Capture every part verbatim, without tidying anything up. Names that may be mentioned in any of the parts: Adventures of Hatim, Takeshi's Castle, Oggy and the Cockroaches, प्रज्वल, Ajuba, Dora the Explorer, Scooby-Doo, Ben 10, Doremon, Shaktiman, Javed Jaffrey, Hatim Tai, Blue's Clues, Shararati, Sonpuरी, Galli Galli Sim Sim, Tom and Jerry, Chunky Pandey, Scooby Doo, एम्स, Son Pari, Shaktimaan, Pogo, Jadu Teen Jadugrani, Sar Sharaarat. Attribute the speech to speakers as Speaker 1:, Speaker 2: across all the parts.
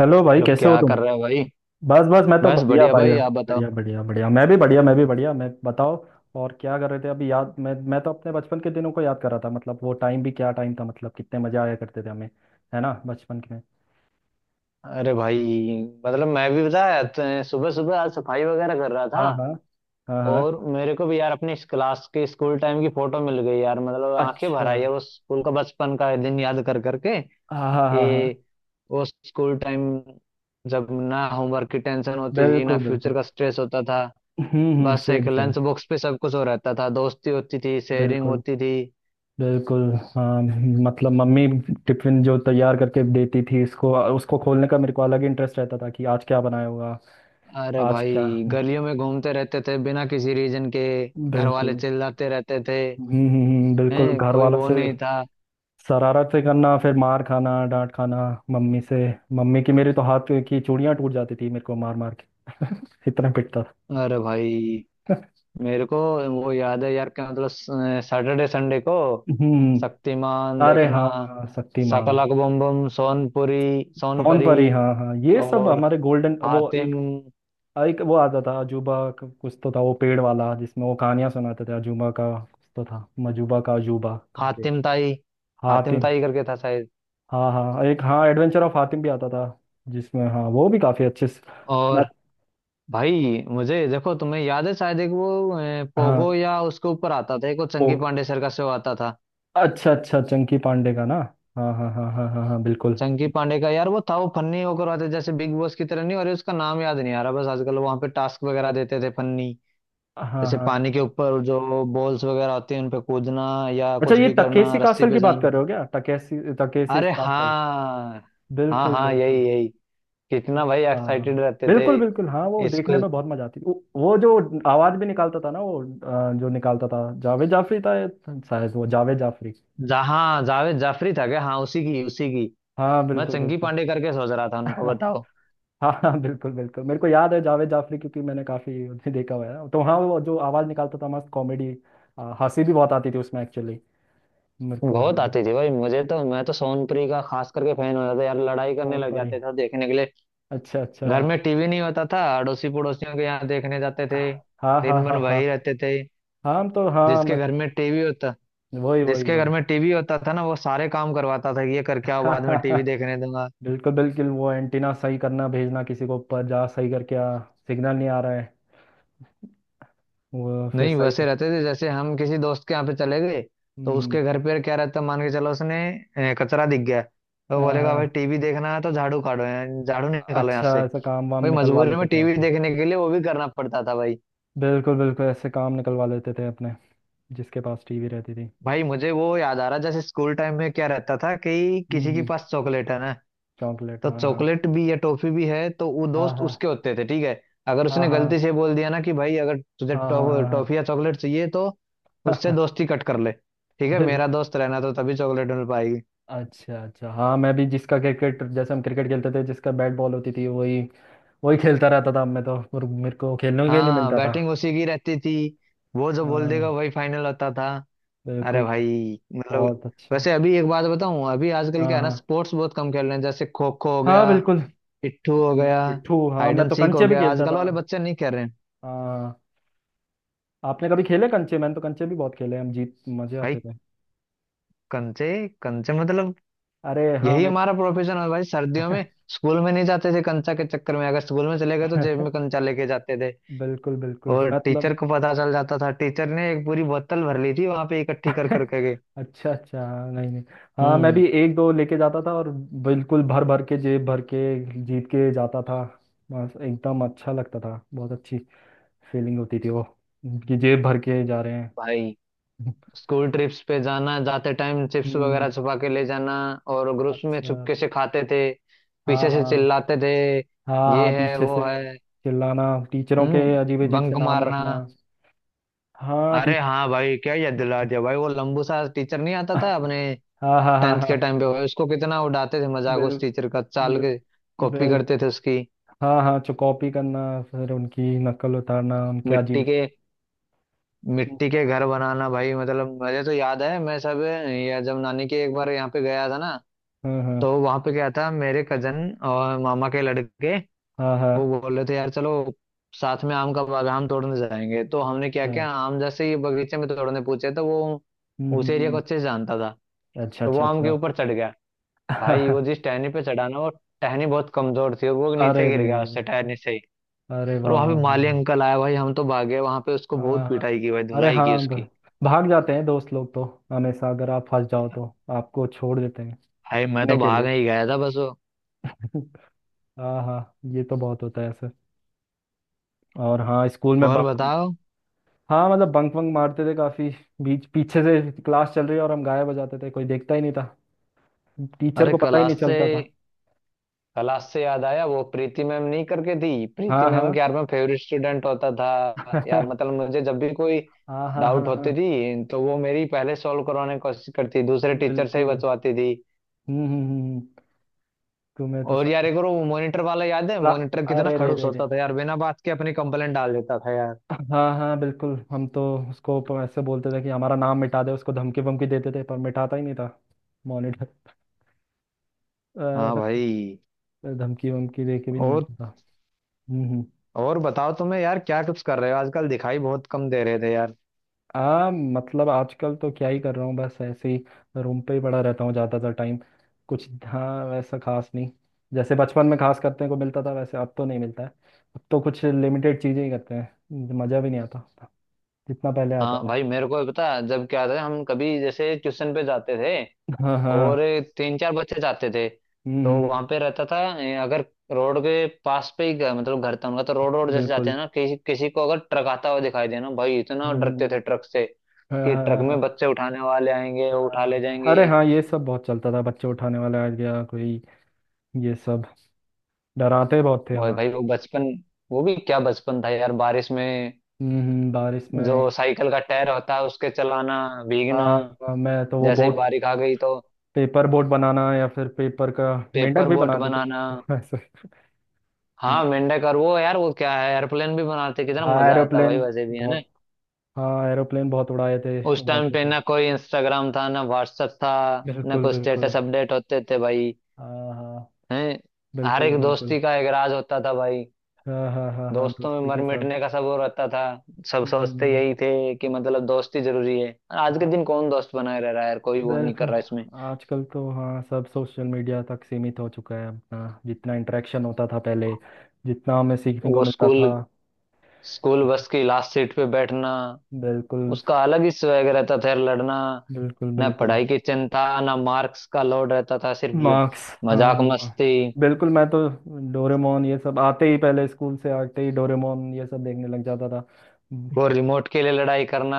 Speaker 1: Hello भाई,
Speaker 2: लोग
Speaker 1: कैसे हो
Speaker 2: क्या
Speaker 1: तुम?
Speaker 2: कर रहे हो भाई।
Speaker 1: बस बस, मैं तो
Speaker 2: बस
Speaker 1: बढ़िया
Speaker 2: बढ़िया
Speaker 1: भाई।
Speaker 2: भाई, आप बताओ।
Speaker 1: बढ़िया बढ़िया बढ़िया, मैं भी बढ़िया, मैं भी बढ़िया, मैं बताओ। और क्या कर रहे थे अभी? याद, मैं मैं तो अपने बचपन के दिनों को याद कर रहा था। मतलब वो टाइम भी क्या टाइम था, मतलब कितने मजा आया करते थे हमें। है ना, बचपन के में।
Speaker 2: अरे भाई, मतलब मैं भी बताया, सुबह सुबह आज सफाई वगैरह कर रहा था।
Speaker 1: हाँ हाँ हाँ हाँ।
Speaker 2: और मेरे को भी यार अपनी इस क्लास की, स्कूल टाइम की फोटो मिल गई यार, मतलब आंखें
Speaker 1: अच्छा।
Speaker 2: भर आई है वो स्कूल का बचपन का दिन याद कर करके।
Speaker 1: हाँ हाँ हाँ हाँ।
Speaker 2: ये वो स्कूल टाइम, जब ना होमवर्क की टेंशन होती थी ना
Speaker 1: बिल्कुल
Speaker 2: फ्यूचर
Speaker 1: बिल्कुल।
Speaker 2: का स्ट्रेस होता था।
Speaker 1: हम्म हम्म,
Speaker 2: बस
Speaker 1: सेम
Speaker 2: एक
Speaker 1: सेम।
Speaker 2: लंच बॉक्स पे सब कुछ हो रहता था, दोस्ती होती थी, शेयरिंग
Speaker 1: बिल्कुल
Speaker 2: होती थी।
Speaker 1: बिल्कुल। हाँ, मतलब मम्मी, टिफिन जो तैयार करके देती थी इसको उसको खोलने का मेरे को अलग इंटरेस्ट रहता था कि आज क्या बनाया होगा।
Speaker 2: अरे
Speaker 1: आज क्या।
Speaker 2: भाई, गलियों में घूमते रहते थे बिना किसी रीजन के, घर वाले
Speaker 1: बिल्कुल।
Speaker 2: चिल्लाते रहते थे।
Speaker 1: हम्म हम्म, हम्म, बिल्कुल,
Speaker 2: हैं,
Speaker 1: घर
Speaker 2: कोई
Speaker 1: वालों
Speaker 2: वो
Speaker 1: से
Speaker 2: नहीं था।
Speaker 1: शरारतें करना, फिर मार खाना, डांट खाना। मम्मी से, मम्मी की, मेरे तो हाथ की चूड़ियां टूट जाती थी मेरे को मार मार के इतना पिटता था।
Speaker 2: अरे भाई, मेरे को वो याद है यार, क्या मतलब, सैटरडे संडे को
Speaker 1: हम्म।
Speaker 2: शक्तिमान
Speaker 1: अरे
Speaker 2: देखना,
Speaker 1: हाँ हाँ, शक्तिमान।
Speaker 2: शकलक बम बम, सोनपुरी,
Speaker 1: सोन
Speaker 2: सोनपरी
Speaker 1: परी, हाँ हाँ, ये सब
Speaker 2: और
Speaker 1: हमारे गोल्डन, वो
Speaker 2: हातिम,
Speaker 1: एक। एक वो आता था अजूबा, क- कुछ तो था, वो पेड़ वाला जिसमें वो कहानियां सुनाते थे। अजूबा का कुछ तो था, मजूबा का अजूबा करके।
Speaker 2: हातिम ताई, हातिम
Speaker 1: हातिम।
Speaker 2: ताई करके था शायद।
Speaker 1: हाँ हाँ, एक हाँ, एडवेंचर ऑफ हातिम भी आता था। जिसमें हाँ, वो भी काफी अच्छे से-
Speaker 2: और भाई मुझे देखो, तुम्हें याद है शायद एक वो, अ,
Speaker 1: हाँ।
Speaker 2: पोगो या उसके ऊपर आता था, एक वो
Speaker 1: ओ।
Speaker 2: चंगी पांडे सर का शो आता था।
Speaker 1: अच्छा अच्छा, चंकी पांडे का ना। हाँ हाँ हाँ हाँ हाँ हाँ, बिल्कुल।
Speaker 2: चंकी पांडे का यार, वो था वो फन्नी होकर आता, जैसे बिग बॉस की तरह नहीं, और उसका नाम याद नहीं आ रहा बस। आजकल वहां पे टास्क वगैरह देते थे, फन्नी,
Speaker 1: हाँ
Speaker 2: जैसे
Speaker 1: हाँ।
Speaker 2: पानी के ऊपर जो बॉल्स वगैरह होती हैं उन पे कूदना, या
Speaker 1: अच्छा,
Speaker 2: कुछ
Speaker 1: ये
Speaker 2: भी करना,
Speaker 1: तकेसी
Speaker 2: रस्सी
Speaker 1: कासल की
Speaker 2: पे
Speaker 1: बात
Speaker 2: जाना।
Speaker 1: कर रहे हो क्या? तकेसी, तकेसी
Speaker 2: अरे
Speaker 1: कासल।
Speaker 2: हाँ, हाँ,
Speaker 1: बिल्कुल
Speaker 2: हाँ,
Speaker 1: बिल्कुल।
Speaker 2: यही यही। कितना भाई
Speaker 1: अच्छा।
Speaker 2: एक्साइटेड रहते थे।
Speaker 1: बिल्कुल बिल्कुल, हाँ वो देखने
Speaker 2: इसको,
Speaker 1: में बहुत मजा आती थी। वो, वो जो आवाज भी निकालता था ना वो, अ, जो निकालता था, जावेद जाफरी था ये। शायद वो जावेद जाफरी।
Speaker 2: जा, हाँ, जावेद जाफरी था क्या? हाँ, उसी की, उसी की।
Speaker 1: हाँ
Speaker 2: मैं
Speaker 1: बिल्कुल
Speaker 2: चंकी
Speaker 1: बिल्कुल।
Speaker 2: पांडे करके सोच रहा था उनको, बताओ।
Speaker 1: हाँ हाँ बिल्कुल बिल्कुल, मेरे को याद है जावेद जाफरी, क्योंकि मैंने काफी उसे देखा हुआ है। तो हाँ, वो जो आवाज निकालता था, मस्त कॉमेडी। हंसी भी बहुत आती थी उसमें एक्चुअली। मेरे को
Speaker 2: बहुत
Speaker 1: हाँ।
Speaker 2: आती थी भाई, मुझे तो, मैं तो सोनप्री का खास करके फैन हो जाता यार, लड़ाई करने
Speaker 1: फोन
Speaker 2: लग
Speaker 1: पर ही।
Speaker 2: जाते थे देखने के लिए।
Speaker 1: अच्छा अच्छा।
Speaker 2: घर में टीवी नहीं होता था, अड़ोसी पड़ोसियों के यहाँ देखने जाते थे।
Speaker 1: हाँ हाँ
Speaker 2: दिन भर
Speaker 1: हाँ हाँ।
Speaker 2: वही रहते थे।
Speaker 1: हाँ तो हाँ, मैं।
Speaker 2: जिसके घर में टीवी होता
Speaker 1: वही वही
Speaker 2: जिसके घर
Speaker 1: वही।
Speaker 2: में टीवी होता था ना, वो सारे काम करवाता था कि ये करके आओ, बाद में टीवी देखने दूंगा।
Speaker 1: बिल्कुल बिल्कुल, वो एंटीना सही करना, भेजना किसी को ऊपर, जा सही करके आ। सिग्नल नहीं आ रहा है। वो फिर
Speaker 2: नहीं,
Speaker 1: सही
Speaker 2: वैसे
Speaker 1: कर।
Speaker 2: रहते थे जैसे हम किसी दोस्त के यहाँ पे चले गए,
Speaker 1: हम्म
Speaker 2: तो
Speaker 1: हम्म।
Speaker 2: उसके घर पे क्या रहता, मान के चलो उसने अ, कचरा दिख गया तो
Speaker 1: हाँ,
Speaker 2: बोलेगा भाई
Speaker 1: हाँ।
Speaker 2: टीवी देखना है तो झाड़ू काटो यहाँ, झाड़ू निकालो यहाँ
Speaker 1: अच्छा,
Speaker 2: से।
Speaker 1: ऐसा काम वाम
Speaker 2: भाई
Speaker 1: निकलवा
Speaker 2: मजबूरी में
Speaker 1: लेते थे
Speaker 2: टीवी
Speaker 1: अपने।
Speaker 2: देखने के लिए वो भी करना पड़ता था भाई।
Speaker 1: बिल्कुल बिल्कुल, ऐसे काम निकलवा लेते थे अपने, जिसके पास टीवी रहती थी।
Speaker 2: भाई मुझे वो याद आ रहा, जैसे स्कूल टाइम में क्या रहता था कि
Speaker 1: हम्म
Speaker 2: किसी के
Speaker 1: हम्म।
Speaker 2: पास चॉकलेट है ना,
Speaker 1: चॉकलेट,
Speaker 2: तो
Speaker 1: हाँ हाँ
Speaker 2: चॉकलेट भी या टॉफी भी है तो वो
Speaker 1: हाँ
Speaker 2: दोस्त
Speaker 1: हाँ।
Speaker 2: उसके होते थे, ठीक है। अगर
Speaker 1: हाँ
Speaker 2: उसने गलती
Speaker 1: हाँ।
Speaker 2: से बोल दिया ना कि भाई अगर तुझे
Speaker 1: हाँ हाँ हाँ
Speaker 2: टॉफ-
Speaker 1: हाँ।
Speaker 2: टॉफी या चॉकलेट चाहिए तो उससे
Speaker 1: हाँ,
Speaker 2: दोस्ती कट कर ले। ठीक है,
Speaker 1: बिल्कुल।
Speaker 2: मेरा दोस्त रहना तो तभी चॉकलेट मिल पाएगी।
Speaker 1: अच्छा अच्छा, हाँ मैं भी, जिसका क्रिकेट, जैसे हम क्रिकेट खेलते थे जिसका बैट बॉल होती थी, वही वही खेलता रहता था मैं तो, और मेरे को खेलने के लिए नहीं
Speaker 2: हाँ,
Speaker 1: मिलता था।
Speaker 2: बैटिंग उसी की रहती थी, वो जो बोल देगा
Speaker 1: हाँ।
Speaker 2: वही फाइनल होता था। अरे
Speaker 1: बिल्कुल।
Speaker 2: भाई मतलब,
Speaker 1: बहुत अच्छा।
Speaker 2: वैसे अभी एक बात बताऊं, अभी आजकल क्या
Speaker 1: हाँ
Speaker 2: है ना,
Speaker 1: हाँ।
Speaker 2: स्पोर्ट्स बहुत कम खेल रहे हैं, जैसे खो खो हो
Speaker 1: हाँ
Speaker 2: गया,
Speaker 1: बिल्कुल।
Speaker 2: पिट्ठू हो गया,
Speaker 1: पिट्ठू, हाँ
Speaker 2: हाइड
Speaker 1: मैं
Speaker 2: एंड
Speaker 1: तो
Speaker 2: सीक हो
Speaker 1: कंचे भी
Speaker 2: गया,
Speaker 1: खेलता
Speaker 2: आजकल
Speaker 1: था।
Speaker 2: वाले बच्चे नहीं खेल रहे हैं।
Speaker 1: हाँ। आपने कभी खेले कंचे? मैंने तो कंचे भी बहुत खेले, हम जीत, मजे
Speaker 2: भाई
Speaker 1: आते थे।
Speaker 2: कंचे, कंचे मतलब
Speaker 1: अरे हाँ,
Speaker 2: यही
Speaker 1: मैं।
Speaker 2: हमारा प्रोफेशन है भाई, सर्दियों में। स्कूल में नहीं जाते थे कंचा के चक्कर में, अगर स्कूल में चले गए तो जेब में कंचा लेके जाते थे,
Speaker 1: बिल्कुल बिल्कुल,
Speaker 2: और टीचर
Speaker 1: मतलब।
Speaker 2: को पता चल जाता था। टीचर ने एक पूरी बोतल भर ली थी वहां पे, इकट्ठी कर करके गए।
Speaker 1: अच्छा अच्छा। नहीं नहीं। हाँ मैं
Speaker 2: हम्म।
Speaker 1: भी एक दो लेके जाता था, और बिल्कुल भर भर के, जेब भर के, जीत के जाता था। बस एकदम अच्छा लगता था, बहुत अच्छी फीलिंग होती थी वो, कि जेब भर के जा रहे हैं।
Speaker 2: भाई स्कूल ट्रिप्स पे जाना, जाते टाइम चिप्स
Speaker 1: हम्म।
Speaker 2: वगैरह छुपा के ले जाना, और ग्रुप्स में
Speaker 1: अच्छा।
Speaker 2: चुपके से खाते थे,
Speaker 1: हाँ
Speaker 2: पीछे से
Speaker 1: हाँ।
Speaker 2: चिल्लाते थे
Speaker 1: हाँ
Speaker 2: ये
Speaker 1: हाँ,
Speaker 2: है
Speaker 1: पीछे
Speaker 2: वो
Speaker 1: से
Speaker 2: है।
Speaker 1: चिल्लाना, टीचरों के अजीब
Speaker 2: हम्म
Speaker 1: अजीब से
Speaker 2: बंक
Speaker 1: नाम
Speaker 2: मारना।
Speaker 1: रखना। हाँ, टी
Speaker 2: अरे हाँ भाई, क्या याद दिला दिया भाई, वो लंबू सा टीचर नहीं आता था अपने
Speaker 1: हाँ हाँ हाँ
Speaker 2: टेंथ के
Speaker 1: हाँ।
Speaker 2: टाइम पे हुआ, उसको कितना उड़ाते थे मजाक
Speaker 1: बिल
Speaker 2: उस टीचर का, चाल
Speaker 1: बिल
Speaker 2: के कॉपी
Speaker 1: बिल
Speaker 2: करते थे उसकी।
Speaker 1: हाँ हाँ, चुकौपी करना, फिर उनकी नकल उतारना, उनके
Speaker 2: मिट्टी
Speaker 1: अजीब।
Speaker 2: के, मिट्टी के घर बनाना भाई, मतलब मुझे तो याद है मैं सब, या जब नानी के एक बार यहाँ पे गया था ना,
Speaker 1: हाँ हाँ
Speaker 2: तो वहां पे क्या था, मेरे कजन और मामा के लड़के,
Speaker 1: हाँ
Speaker 2: वो
Speaker 1: हाँ।
Speaker 2: बोल रहे थे यार चलो साथ में आम का बाग, आम तोड़ने जाएंगे। तो हमने क्या
Speaker 1: अच्छा।
Speaker 2: किया, आम जैसे ही बगीचे में तोड़ने पूछे, तो वो
Speaker 1: हम्म
Speaker 2: उस
Speaker 1: हम्म
Speaker 2: एरिया को
Speaker 1: हम्म,
Speaker 2: अच्छे से जानता था,
Speaker 1: अच्छा
Speaker 2: तो वो
Speaker 1: अच्छा
Speaker 2: आम के
Speaker 1: अच्छा।
Speaker 2: ऊपर चढ़ गया। भाई वो जिस टहनी पे चढ़ा ना, वो टहनी बहुत कमजोर थी और वो नीचे
Speaker 1: अरे
Speaker 2: गिर
Speaker 1: रे
Speaker 2: गया
Speaker 1: रे
Speaker 2: उससे,
Speaker 1: रे।
Speaker 2: टहनी से ही।
Speaker 1: अरे
Speaker 2: और
Speaker 1: वाह
Speaker 2: वहां पे
Speaker 1: वाह वाह
Speaker 2: माली
Speaker 1: वाह।
Speaker 2: अंकल आया भाई, हम तो भागे वहां पे, उसको
Speaker 1: हाँ
Speaker 2: बहुत
Speaker 1: हाँ।
Speaker 2: पिटाई की भाई,
Speaker 1: अरे
Speaker 2: धुलाई की
Speaker 1: हाँ, भ-
Speaker 2: उसकी।
Speaker 1: भाग जाते हैं दोस्त लोग तो, हमेशा अगर आप फंस जाओ तो आपको छोड़ देते हैं,
Speaker 2: भाई मैं
Speaker 1: सीखने
Speaker 2: तो
Speaker 1: के
Speaker 2: भाग
Speaker 1: लिए।
Speaker 2: ही गया था बस वो।
Speaker 1: हाँ हाँ, ये तो बहुत होता है ऐसे। और हाँ, स्कूल में
Speaker 2: और
Speaker 1: बंक।
Speaker 2: बताओ।
Speaker 1: हाँ मतलब, बंक वंक मारते थे काफी। बीच, पीछे से क्लास चल रही है और हम गायब हो जाते थे, कोई देखता ही नहीं था, टीचर
Speaker 2: अरे
Speaker 1: को पता ही
Speaker 2: क्लास
Speaker 1: नहीं
Speaker 2: से
Speaker 1: चलता था।
Speaker 2: क्लास से याद आया, वो प्रीति मैम नहीं करके थी, प्रीति
Speaker 1: हाँ हाँ।
Speaker 2: मैम के यार मैं फेवरेट स्टूडेंट होता था यार,
Speaker 1: हाँ
Speaker 2: मतलब मुझे जब भी कोई
Speaker 1: हाँ हाँ
Speaker 2: डाउट
Speaker 1: हाँ
Speaker 2: होती थी तो वो मेरी पहले सॉल्व करवाने की कोशिश करती, दूसरे टीचर से ही
Speaker 1: बिल्कुल।
Speaker 2: बचवाती थी।
Speaker 1: हम्म हम्म हम्म, तुम्हें तो
Speaker 2: और यार एक और वो मॉनिटर वाला याद है,
Speaker 1: सब।
Speaker 2: मॉनिटर कितना
Speaker 1: अरे रे
Speaker 2: खड़ूस
Speaker 1: रे रे।
Speaker 2: होता था यार, बिना बात के अपनी कंप्लेंट डाल देता था यार।
Speaker 1: हाँ हाँ बिल्कुल, हम तो उसको प- ऐसे बोलते थे कि हमारा नाम मिटा दे, उसको धमकी वमकी देते थे पर मिटाता ही नहीं था मॉनिटर,
Speaker 2: हाँ
Speaker 1: पर
Speaker 2: भाई।
Speaker 1: धमकी वमकी दे के भी नहीं
Speaker 2: और
Speaker 1: होता था। हम्म हम्म।
Speaker 2: और बताओ तुम्हें, यार क्या कुछ कर रहे हो आजकल, दिखाई बहुत कम दे रहे थे यार।
Speaker 1: आ मतलब आजकल तो क्या ही कर रहा हूँ, बस ऐसे ही रूम पे ही पड़ा रहता हूँ ज़्यादातर टाइम। कुछ हाँ, वैसा खास नहीं, जैसे बचपन में खास करने को मिलता था वैसे अब तो नहीं मिलता है। अब तो कुछ लिमिटेड चीज़ें ही करते हैं, मज़ा भी नहीं आता जितना पहले आता
Speaker 2: हाँ
Speaker 1: था।
Speaker 2: भाई, मेरे को पता है, जब क्या था, हम कभी जैसे ट्यूशन पे जाते थे,
Speaker 1: हाँ हाँ
Speaker 2: और
Speaker 1: हाँ।
Speaker 2: तीन चार बच्चे जाते थे,
Speaker 1: हम्म
Speaker 2: तो वहां
Speaker 1: हम्म,
Speaker 2: पे रहता था, ए, अगर रोड के पास पे ही घर- मतलब घर था उनका, तो रोड रोड जैसे जाते
Speaker 1: बिल्कुल।
Speaker 2: हैं ना, किसी किसी को अगर ट्रक आता हुआ दिखाई देना, भाई इतना
Speaker 1: हम्म
Speaker 2: डरते
Speaker 1: हम्म,
Speaker 2: थे ट्रक से,
Speaker 1: हाँ
Speaker 2: कि
Speaker 1: हाँ
Speaker 2: ट्रक
Speaker 1: हाँ
Speaker 2: में बच्चे उठाने वाले आएंगे, वो उठा
Speaker 1: हाँ,
Speaker 2: ले
Speaker 1: हाँ,
Speaker 2: जाएंगे।
Speaker 1: अरे हाँ, ये सब बहुत चलता था, बच्चे उठाने वाला आ गया कोई, ये सब डराते बहुत थे
Speaker 2: और भाई
Speaker 1: हमारे।
Speaker 2: वो बचपन, वो भी क्या बचपन था यार। बारिश में
Speaker 1: हम्म हम्म, बारिश
Speaker 2: जो
Speaker 1: में।
Speaker 2: साइकिल का टायर होता है उसके चलाना,
Speaker 1: हाँ
Speaker 2: भीगना,
Speaker 1: हाँ। हाँ, मैं तो वो
Speaker 2: जैसे ही
Speaker 1: बोट,
Speaker 2: बारिश आ गई तो
Speaker 1: पेपर बोट बनाना, या फिर पेपर का मेंढक
Speaker 2: पेपर
Speaker 1: भी
Speaker 2: बोट
Speaker 1: बनाते थे
Speaker 2: बनाना।
Speaker 1: तो ऐसे। हम्म,
Speaker 2: हाँ मेंढक, और वो यार वो क्या है, एयरप्लेन भी बनाते, कितना
Speaker 1: हाँ
Speaker 2: मजा आता भाई
Speaker 1: एरोप्लेन,
Speaker 2: वैसे भी है ना।
Speaker 1: बहुत, हाँ एरोप्लेन बहुत उड़ाए थे,
Speaker 2: उस टाइम
Speaker 1: उड़ाते
Speaker 2: पे
Speaker 1: थे।
Speaker 2: ना कोई इंस्टाग्राम था, ना व्हाट्सएप था, ना
Speaker 1: बिल्कुल
Speaker 2: कोई
Speaker 1: बिल्कुल।
Speaker 2: स्टेटस अपडेट होते थे भाई।
Speaker 1: हाँ हाँ।
Speaker 2: हैं। हर
Speaker 1: बिल्कुल
Speaker 2: एक
Speaker 1: बिल्कुल।
Speaker 2: दोस्ती का एक राज होता था भाई,
Speaker 1: हाँ हाँ हाँ हाँ,
Speaker 2: दोस्तों में
Speaker 1: दोस्ती
Speaker 2: मर
Speaker 1: के साथ।
Speaker 2: मिटने का सब वो रहता था। सब सोचते
Speaker 1: हम्म,
Speaker 2: यही थे कि मतलब दोस्ती जरूरी है। आज के दिन
Speaker 1: हाँ
Speaker 2: कौन दोस्त बनाए रह रहा है यार, कोई वो नहीं कर
Speaker 1: दरअसल,
Speaker 2: रहा इसमें।
Speaker 1: आजकल तो हाँ, सब सोशल मीडिया तक सीमित हो चुका है अपना, जितना इंटरेक्शन होता था पहले, जितना हमें सीखने को
Speaker 2: वो
Speaker 1: मिलता
Speaker 2: स्कूल
Speaker 1: था।
Speaker 2: स्कूल बस की लास्ट सीट पे बैठना,
Speaker 1: बिल्कुल।
Speaker 2: उसका अलग ही स्वैग रहता था यार, लड़ना,
Speaker 1: बिल्कुल
Speaker 2: ना
Speaker 1: बिल्कुल।
Speaker 2: पढ़ाई की चिंता ना मार्क्स का लोड रहता था, सिर्फ
Speaker 1: मार्क्स, हाँ
Speaker 2: मजाक
Speaker 1: हाँ हाँ।
Speaker 2: मस्ती।
Speaker 1: बिल्कुल, मैं तो डोरेमोन ये सब आते ही, पहले स्कूल से आते ही डोरेमोन ये सब देखने लग जाता था। हम्म,
Speaker 2: वो रिमोट के लिए लड़ाई करना,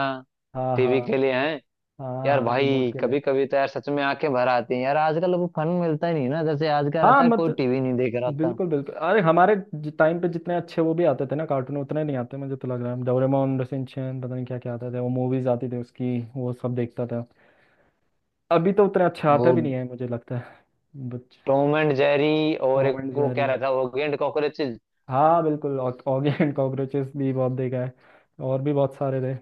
Speaker 1: हाँ हाँ।
Speaker 2: टीवी के लिए है।
Speaker 1: हाँ
Speaker 2: यार
Speaker 1: हाँ, रिमोट
Speaker 2: भाई
Speaker 1: के लिए।
Speaker 2: कभी कभी तो यार सच में आंखें भर आती हैं यार, आजकल तो वो फन मिलता ही नहीं ना, जैसे आज का
Speaker 1: हाँ
Speaker 2: रहता है,
Speaker 1: मत।
Speaker 2: कोई टीवी नहीं देख रहा था।
Speaker 1: बिल्कुल बिल्कुल, अरे हमारे टाइम पे जितने अच्छे वो भी आते थे ना कार्टून, उतने नहीं आते। मुझे तो लग रहा है डोरेमोन, शिनचैन, पता नहीं क्या क्या आते थे, वो मूवीज आती थी उसकी, वो सब देखता था। अभी तो उतने अच्छे आते
Speaker 2: वो
Speaker 1: भी नहीं है, मुझे लगता है। बच
Speaker 2: टॉम एंड जेरी, और
Speaker 1: टॉम
Speaker 2: एक
Speaker 1: एंड
Speaker 2: वो क्या
Speaker 1: जेरी।
Speaker 2: रहता है, ओगी एंड कॉकरोचेस।
Speaker 1: हाँ बिल्कुल, ऑग- ऑगी एंड कॉकरोचेस भी बहुत देखा है। और भी बहुत सारे थे,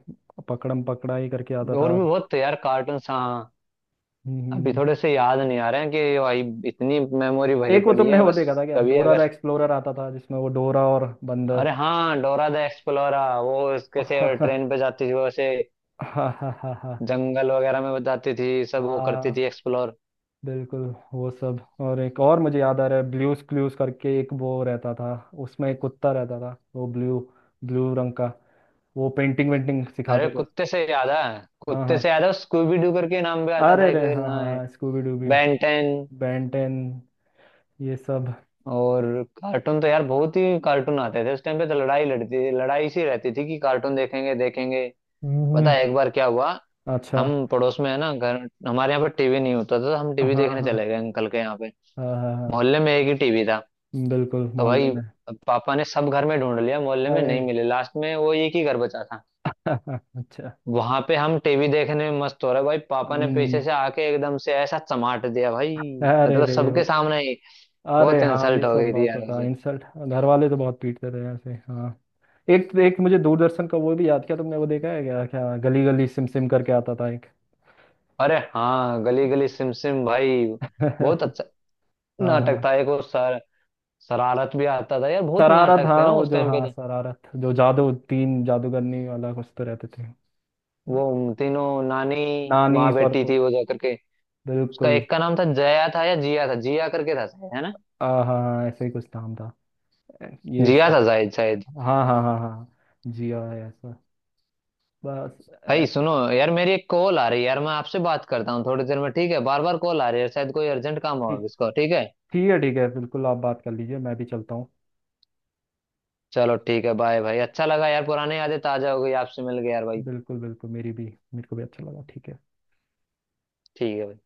Speaker 1: पकड़म पकड़ाई करके आता
Speaker 2: और
Speaker 1: था।
Speaker 2: भी बहुत थे यार कार्टून, हाँ। अभी
Speaker 1: हम्म,
Speaker 2: थोड़े से याद नहीं आ रहे हैं कि भाई, इतनी मेमोरी भरी
Speaker 1: एक वो
Speaker 2: पड़ी
Speaker 1: तुमने
Speaker 2: है
Speaker 1: वो
Speaker 2: बस।
Speaker 1: देखा था क्या,
Speaker 2: कभी
Speaker 1: डोरा द
Speaker 2: अगर,
Speaker 1: एक्सप्लोरर आता था जिसमें वो डोरा और
Speaker 2: अरे
Speaker 1: बंदर।
Speaker 2: हाँ डोरा द एक्सप्लोरा, वो उसके से ट्रेन पे जाती थी वो, ऐसे
Speaker 1: हाँ हाँ। हाँ
Speaker 2: जंगल वगैरह में बताती थी, सब वो करती
Speaker 1: हाँ।
Speaker 2: थी एक्सप्लोर।
Speaker 1: बिल्कुल। वो सब, और एक और मुझे याद आ रहा है, ब्लूज क्लूज करके एक वो रहता था, उसमें एक कुत्ता रहता था, वो ब्लू, ब्लू रंग का, वो पेंटिंग वेंटिंग
Speaker 2: अरे
Speaker 1: सिखाता था।
Speaker 2: कुत्ते से याद है,
Speaker 1: हाँ
Speaker 2: कुत्ते
Speaker 1: हाँ,
Speaker 2: से याद है, स्कूबी डू करके नाम भी आता था
Speaker 1: अरे
Speaker 2: एक,
Speaker 1: रे हाँ
Speaker 2: ना,
Speaker 1: हाँ हाँ, स्कूबी डूबी।
Speaker 2: बेंटेन।
Speaker 1: बेंटेन, ये सब।
Speaker 2: और कार्टून तो यार बहुत ही कार्टून आते थे उस टाइम पे, तो लड़ाई लड़ती, लड़ाई सी रहती थी कि कार्टून देखेंगे देखेंगे। पता
Speaker 1: हम्म,
Speaker 2: है एक बार क्या हुआ?
Speaker 1: अच्छा।
Speaker 2: हम पड़ोस में, है ना घर, हमारे यहाँ पर टीवी नहीं होता था, तो हम टीवी
Speaker 1: हाँ
Speaker 2: देखने
Speaker 1: हाँ
Speaker 2: चले गए अंकल के यहाँ पे।
Speaker 1: हाँ हाँ। हाँ
Speaker 2: मोहल्ले में एक ही टीवी था,
Speaker 1: बिल्कुल,
Speaker 2: तो
Speaker 1: मोहल्ले
Speaker 2: भाई
Speaker 1: में।
Speaker 2: पापा ने सब घर में ढूंढ लिया, मोहल्ले में
Speaker 1: अरे।
Speaker 2: नहीं मिले, लास्ट में वो एक ही घर बचा था,
Speaker 1: अच्छा।
Speaker 2: वहां पे हम टीवी देखने में मस्त हो रहे। भाई, पापा ने पीछे
Speaker 1: हम्म,
Speaker 2: से आके एकदम से ऐसा चमाट दिया भाई,
Speaker 1: अरे
Speaker 2: मतलब
Speaker 1: रे, वो-
Speaker 2: सबके सामने ही,
Speaker 1: अरे
Speaker 2: बहुत
Speaker 1: हाँ, ये
Speaker 2: इंसल्ट हो
Speaker 1: सब
Speaker 2: गई थी
Speaker 1: बहुत
Speaker 2: यार।
Speaker 1: होता इंसल्ट, घर वाले तो बहुत पीटते थे ऐसे, हाँ। एक एक मुझे दूरदर्शन का वो भी याद किया तुमने, वो देखा है क्या क्या, गली गली सिम सिम करके आता था एक।
Speaker 2: अरे हाँ, गली गली सिम सिम भाई, बहुत अच्छा
Speaker 1: हाँ
Speaker 2: नाटक
Speaker 1: हाँ।
Speaker 2: था एक वो सर। शरारत भी आता था यार, बहुत
Speaker 1: शरारत,
Speaker 2: नाटक थे
Speaker 1: हाँ
Speaker 2: ना
Speaker 1: वो
Speaker 2: उस
Speaker 1: जो
Speaker 2: टाइम पे
Speaker 1: हाँ,
Speaker 2: तो।
Speaker 1: शरारत, जो जादू, तीन जादूगरनी वाला कुछ तो रहते थे।
Speaker 2: वो तीनों नानी
Speaker 1: नानी
Speaker 2: माँ बेटी थी
Speaker 1: परपुर।
Speaker 2: वो, जा करके उसका
Speaker 1: बिल्कुल।
Speaker 2: एक का नाम था जया था या जिया था, जिया करके था शायद, है ना?
Speaker 1: हाँ हाँ, ऐसे ही कुछ नाम था, ये
Speaker 2: जिया
Speaker 1: सब।
Speaker 2: था शायद, शायद।
Speaker 1: हाँ हाँ हाँ हाँ। जी हाँ, ऐसा। बस, अ,
Speaker 2: भाई सुनो यार, मेरी एक कॉल आ रही है यार, मैं आपसे बात करता हूँ थोड़ी देर में, ठीक है? बार बार कॉल आ रही है, शायद कोई अर्जेंट काम
Speaker 1: ठीक।
Speaker 2: होगा इसको, ठीक है?
Speaker 1: ठीक है ठीक है, बिल्कुल आप बात कर लीजिए, मैं भी चलता हूँ।
Speaker 2: चलो ठीक है, बाय भाई, अच्छा लगा यार, पुरानी यादें ताजा हो गई आपसे, मिल गए यार भाई।
Speaker 1: बिल्कुल बिल्कुल, मेरी भी, मेरे को भी अच्छा लगा, ठीक है।
Speaker 2: ठीक है भाई।